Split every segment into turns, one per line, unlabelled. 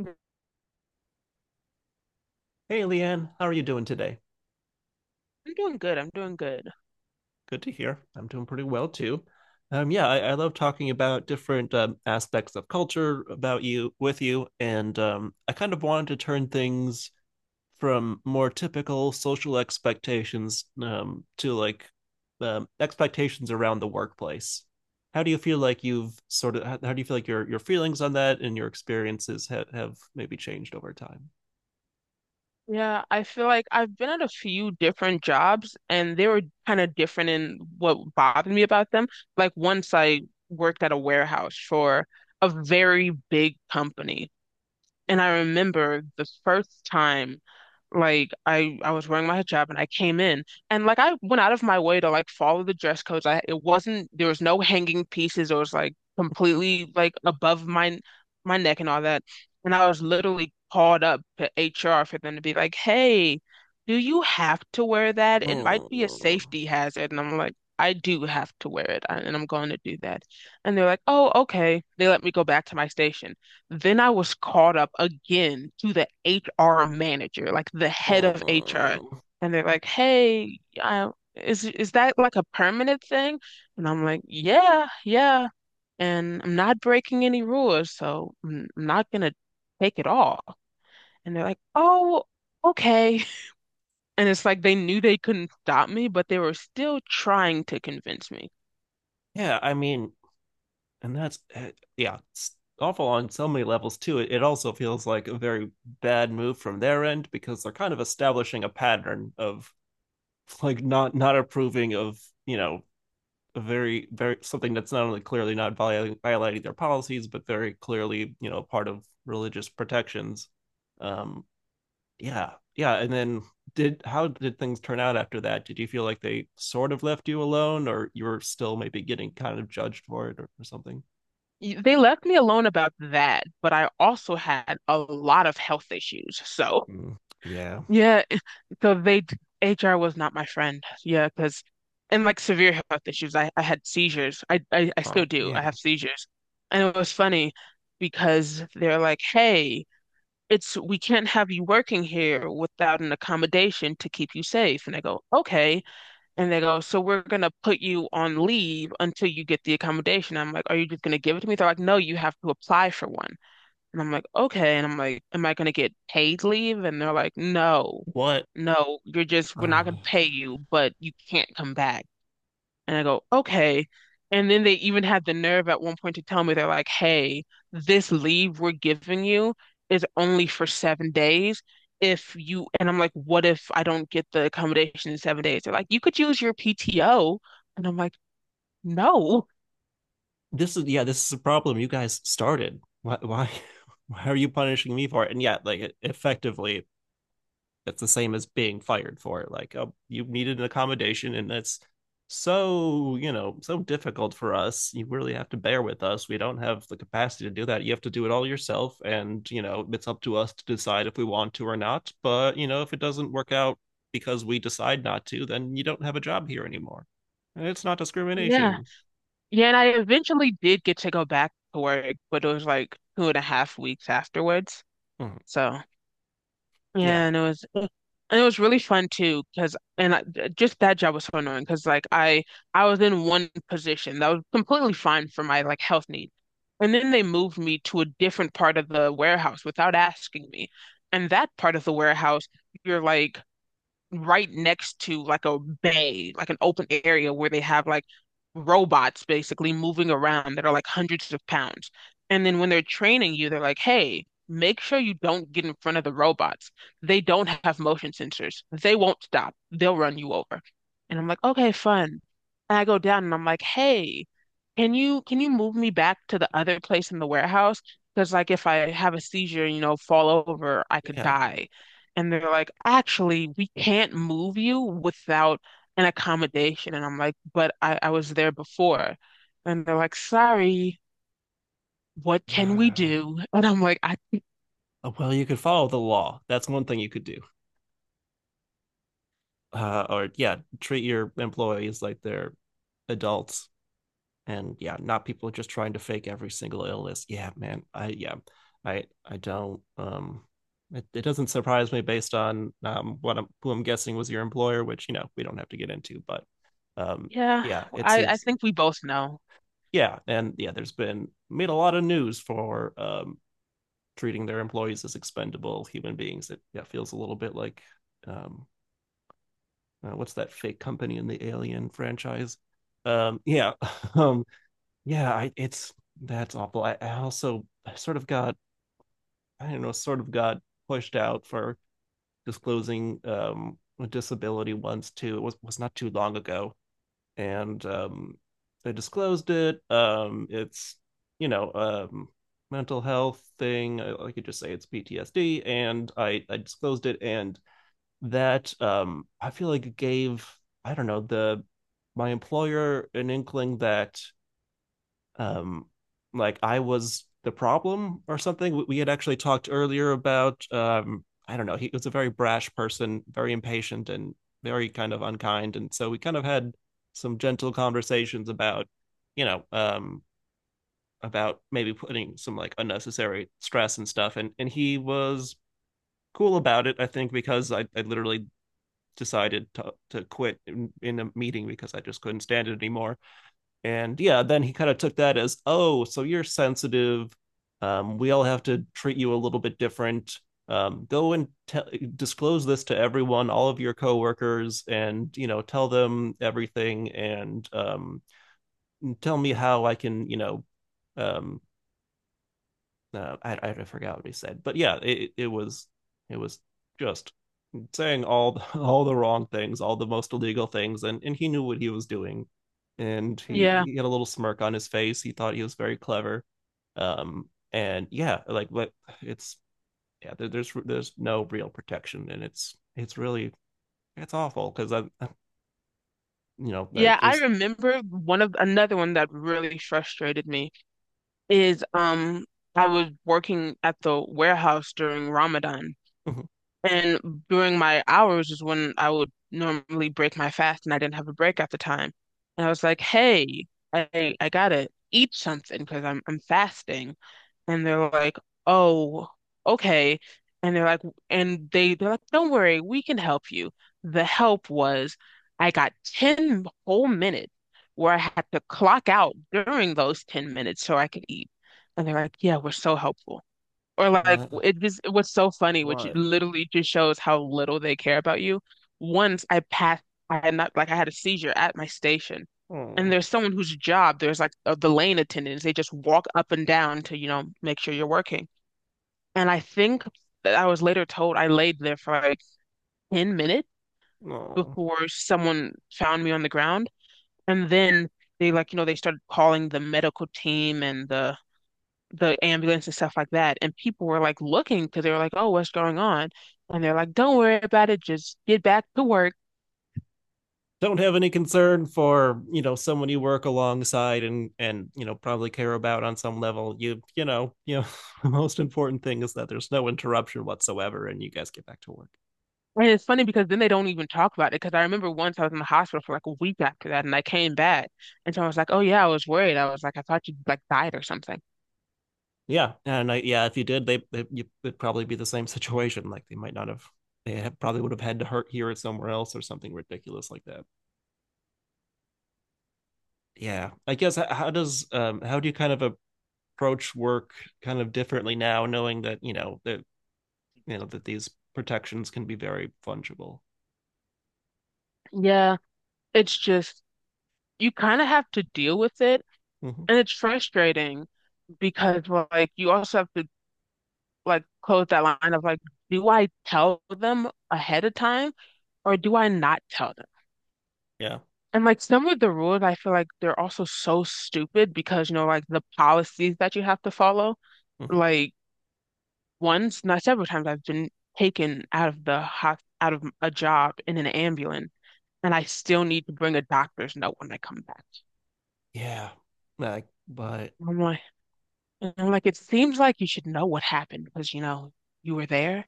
I'm
Hey, Leanne, how are you doing today?
doing good. I'm doing good.
Good to hear. I'm doing pretty well too. I love talking about different aspects of culture about you with you, and I kind of wanted to turn things from more typical social expectations to like expectations around the workplace. How do you feel like you've sort of how do you feel like your feelings on that and your experiences have maybe changed over time?
Yeah, I feel like I've been at a few different jobs and they were kind of different in what bothered me about them. Like once I worked at a warehouse for a very big company. And I remember the first time, like I was wearing my hijab and I came in and like I went out of my way to like follow the dress codes. I it wasn't, there was no hanging pieces. It was like completely like above my neck and all that. And I was literally called up to HR for them to be like, "Hey, do you have to wear that? It might be a
Mm,
safety hazard." And I'm like, "I do have to wear it, and I'm going to do that." And they're like, "Oh, okay." They let me go back to my station. Then I was called up again to the HR manager, like the head of HR.
mm.
And they're like, hey, is that like a permanent thing? And I'm like, yeah, yeah. And I'm not breaking any rules, so I'm not gonna take it all. And they're like, oh, okay. And it's like they knew they couldn't stop me, but they were still trying to convince me.
Yeah, I mean, and that's yeah, it's awful on so many levels too. It also feels like a very bad move from their end because they're kind of establishing a pattern of like not approving of you know a very something that's not only clearly not violating their policies, but very clearly, you know, part of religious protections. um yeah, yeah. And then did how did things turn out after that? Did you feel like they sort of left you alone, or you were still maybe getting kind of judged for it, or something?
They left me alone about that, but I also had a lot of health issues. So,
Mm, yeah.
yeah. So they HR was not my friend. Yeah, because and like severe health issues. I had seizures. I still
Oh,
do. I
yeah.
have seizures. And it was funny because they're like, "Hey, it's we can't have you working here without an accommodation to keep you safe." And I go, "Okay." And they go, "So we're gonna put you on leave until you get the accommodation." I'm like, "Are you just gonna give it to me?" They're like, "No, you have to apply for one." And I'm like, okay. And I'm like, am I gonna get paid leave? And they're like, no,
What?
no, we're not gonna
Oh.
pay you, but you can't come back. And I go, okay. And then they even had the nerve at one point to tell me, they're like, hey, this leave we're giving you is only for 7 days. If you, and I'm like, what if I don't get the accommodation in 7 days? They're like, you could use your PTO. And I'm like, no.
This is, yeah, this is a problem you guys started. Why? Why? Why are you punishing me for it? And yeah, like it, effectively, that's the same as being fired for it. Like, oh, you needed an accommodation, and that's so, you know, so difficult for us. You really have to bear with us. We don't have the capacity to do that. You have to do it all yourself, and you know it's up to us to decide if we want to or not. But you know, if it doesn't work out because we decide not to, then you don't have a job here anymore, and it's not discrimination.
Yeah, and I eventually did get to go back to work, but it was like 2.5 weeks afterwards.
Hmm.
So
Yeah,
yeah, and it was really fun too, just that job was so annoying because like I was in one position that was completely fine for my like health needs, and then they moved me to a different part of the warehouse without asking me, and that part of the warehouse you're like right next to like a bay, like an open area where they have like robots basically moving around that are like hundreds of pounds. And then when they're training you, they're like, hey, make sure you don't get in front of the robots. They don't have motion sensors. They won't stop. They'll run you over. And I'm like, okay, fun. And I go down and I'm like, hey, can you move me back to the other place in the warehouse? Because like if I have a seizure, fall over, I could
yeah.
die. And they're like, actually, we can't move you without an accommodation. And I'm like, but I was there before. And they're like, sorry, what can we do? And I'm like,
Well, you could follow the law. That's one thing you could do. Or yeah, treat your employees like they're adults, and yeah, not people just trying to fake every single illness. Yeah, man, I yeah, I don't it, it doesn't surprise me based on what I'm, who I'm guessing was your employer, which you know we don't have to get into, but um
yeah,
yeah, it
I
seems.
think we both know.
Yeah, and yeah, there's been made a lot of news for treating their employees as expendable human beings. It yeah feels a little bit like um what's that fake company in the Alien franchise? Yeah, um, yeah, it's that's awful. I also sort of got, I don't know, sort of got pushed out for disclosing a disability once too. It was not too long ago, and I disclosed it. It's, you know, mental health thing. I could just say it's PTSD, and I disclosed it, and that I feel like it gave, I don't know, the my employer an inkling that um like I was the problem or something. We had actually talked earlier about I don't know, he was a very brash person, very impatient and very kind of unkind, and so we kind of had some gentle conversations about you know about maybe putting some like unnecessary stress and stuff, and he was cool about it, I think because I literally decided to quit in a meeting because I just couldn't stand it anymore. And yeah, then he kind of took that as, oh, so you're sensitive. We all have to treat you a little bit different. Go and disclose this to everyone, all of your coworkers, and you know, tell them everything, and tell me how I can, you know, um, I forgot what he said, but yeah, it was, it was just saying all the, all the wrong things, all the most illegal things, and he knew what he was doing, and he
Yeah.
he had a little smirk on his face. He thought he was very clever, and yeah, like but it's yeah, there's no real protection, and it's really it's awful because I, you know, there
Yeah, I
there's
remember one of another one that really frustrated me is I was working at the warehouse during Ramadan. And during my hours is when I would normally break my fast, and I didn't have a break at the time. And I was like, "Hey, I gotta eat something because I'm fasting." And they're like, "Oh, okay." And they're like, and they they're like, "Don't worry, we can help you." The help was I got 10 whole minutes where I had to clock out during those 10 minutes so I could eat. And they're like, "Yeah, we're so helpful." Or like
what
it was so funny, which
what
literally just shows how little they care about you. Once I passed, I had not like I had a seizure at my station, and
oh
there's someone whose job there's like the lane attendants. They just walk up and down to make sure you're working. And I think that I was later told I laid there for like 10 minutes
no,
before someone found me on the ground, and then they, like, they started calling the medical team and the ambulance and stuff like that. And people were like looking because they were like, oh, what's going on? And they're like, don't worry about it. Just get back to work.
don't have any concern for, you know, someone you work alongside, and you know probably care about on some level. You know, you know, the most important thing is that there's no interruption whatsoever, and you guys get back to work.
And it's funny because then they don't even talk about it. Because I remember once I was in the hospital for like a week after that and I came back. And someone was like, oh, yeah, I was worried. I was like, I thought you like died or something.
Yeah, and yeah, if you did, they, it'd probably be the same situation, like they might not have, probably would have had to hurt hear it somewhere else or something ridiculous like that. Yeah, I guess how does how do you kind of approach work kind of differently now, knowing that, you know that, you know that these protections can be very fungible?
Yeah, it's just, you kind of have to deal with it.
Mm-hmm.
And it's frustrating because, well, like, you also have to like close that line of like, do I tell them ahead of time or do I not tell them?
Yeah.
And like some of the rules, I feel like they're also so stupid because, you know, like the policies that you have to follow.
Mhm.
Like once, not several times, I've been taken out of a job in an ambulance, and I still need to bring a doctor's note when I come back.
Yeah. Like, but
I'm like, I'm like, it seems like you should know what happened because, you know, you were there.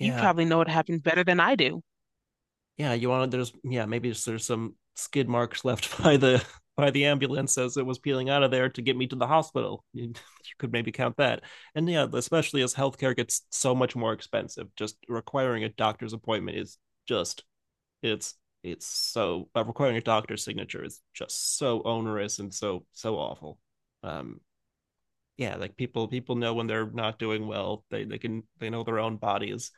You probably know what happened better than I do.
Yeah, you want to, there's, yeah, maybe there's some skid marks left by the ambulance as it was peeling out of there to get me to the hospital. You could maybe count that. And yeah, especially as healthcare gets so much more expensive, just requiring a doctor's appointment is just it's it's so requiring a doctor's signature is just so onerous and so so awful. Um yeah, like people know when they're not doing well. They can they know their own bodies.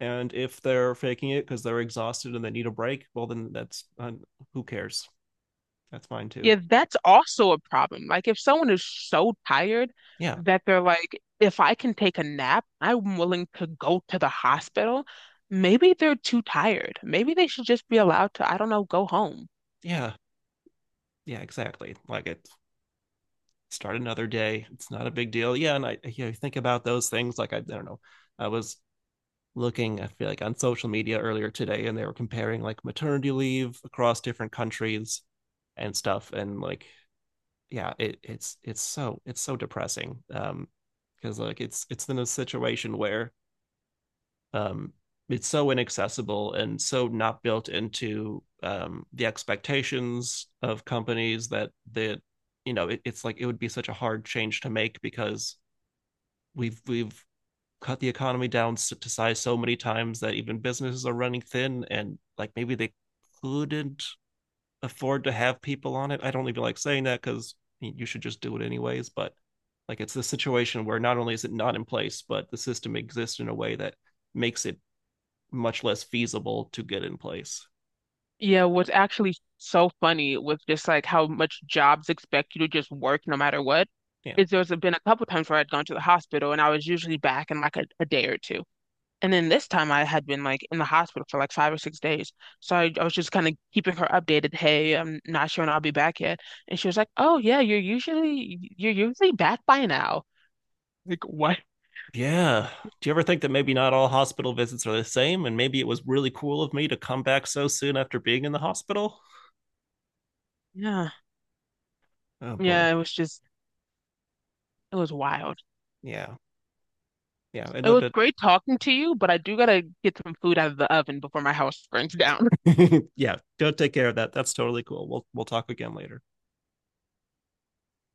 And if they're faking it because they're exhausted and they need a break, well then that's who cares? That's fine too.
Yeah, that's also a problem. Like if someone is so tired
Yeah.
that they're like, if I can take a nap, I'm willing to go to the hospital. Maybe they're too tired. Maybe they should just be allowed to, I don't know, go home.
Yeah. Yeah, exactly. Like it start another day. It's not a big deal. Yeah, and think about those things like I don't know. I was looking, I feel like, on social media earlier today, and they were comparing like maternity leave across different countries and stuff, and like yeah, it's so depressing. Because like it's in a situation where um it's so inaccessible and so not built into the expectations of companies that you know it's like it would be such a hard change to make because we've cut the economy down to size so many times that even businesses are running thin, and like maybe they couldn't afford to have people on it. I don't even like saying that because you should just do it anyways. But like it's the situation where not only is it not in place, but the system exists in a way that makes it much less feasible to get in place.
Yeah, what's actually so funny with just like how much jobs expect you to just work no matter what
Yeah.
is there's been a couple times where I'd gone to the hospital and I was usually back in like a day or two. And then this time I had been like in the hospital for like 5 or 6 days. So I was just kind of keeping her updated. Hey, I'm not sure when I'll be back yet. And she was like, oh yeah, you're usually back by now. Like what?
Yeah. Do you ever think that maybe not all hospital visits are the same? And maybe it was really cool of me to come back so soon after being in the hospital?
Yeah.
Oh
Yeah,
boy.
it was wild.
Yeah. Yeah. I
It
loved
was great talking to you, but I do gotta get some food out of the oven before my house burns down.
it. Yeah. Go take care of that. That's totally cool. We'll talk again later.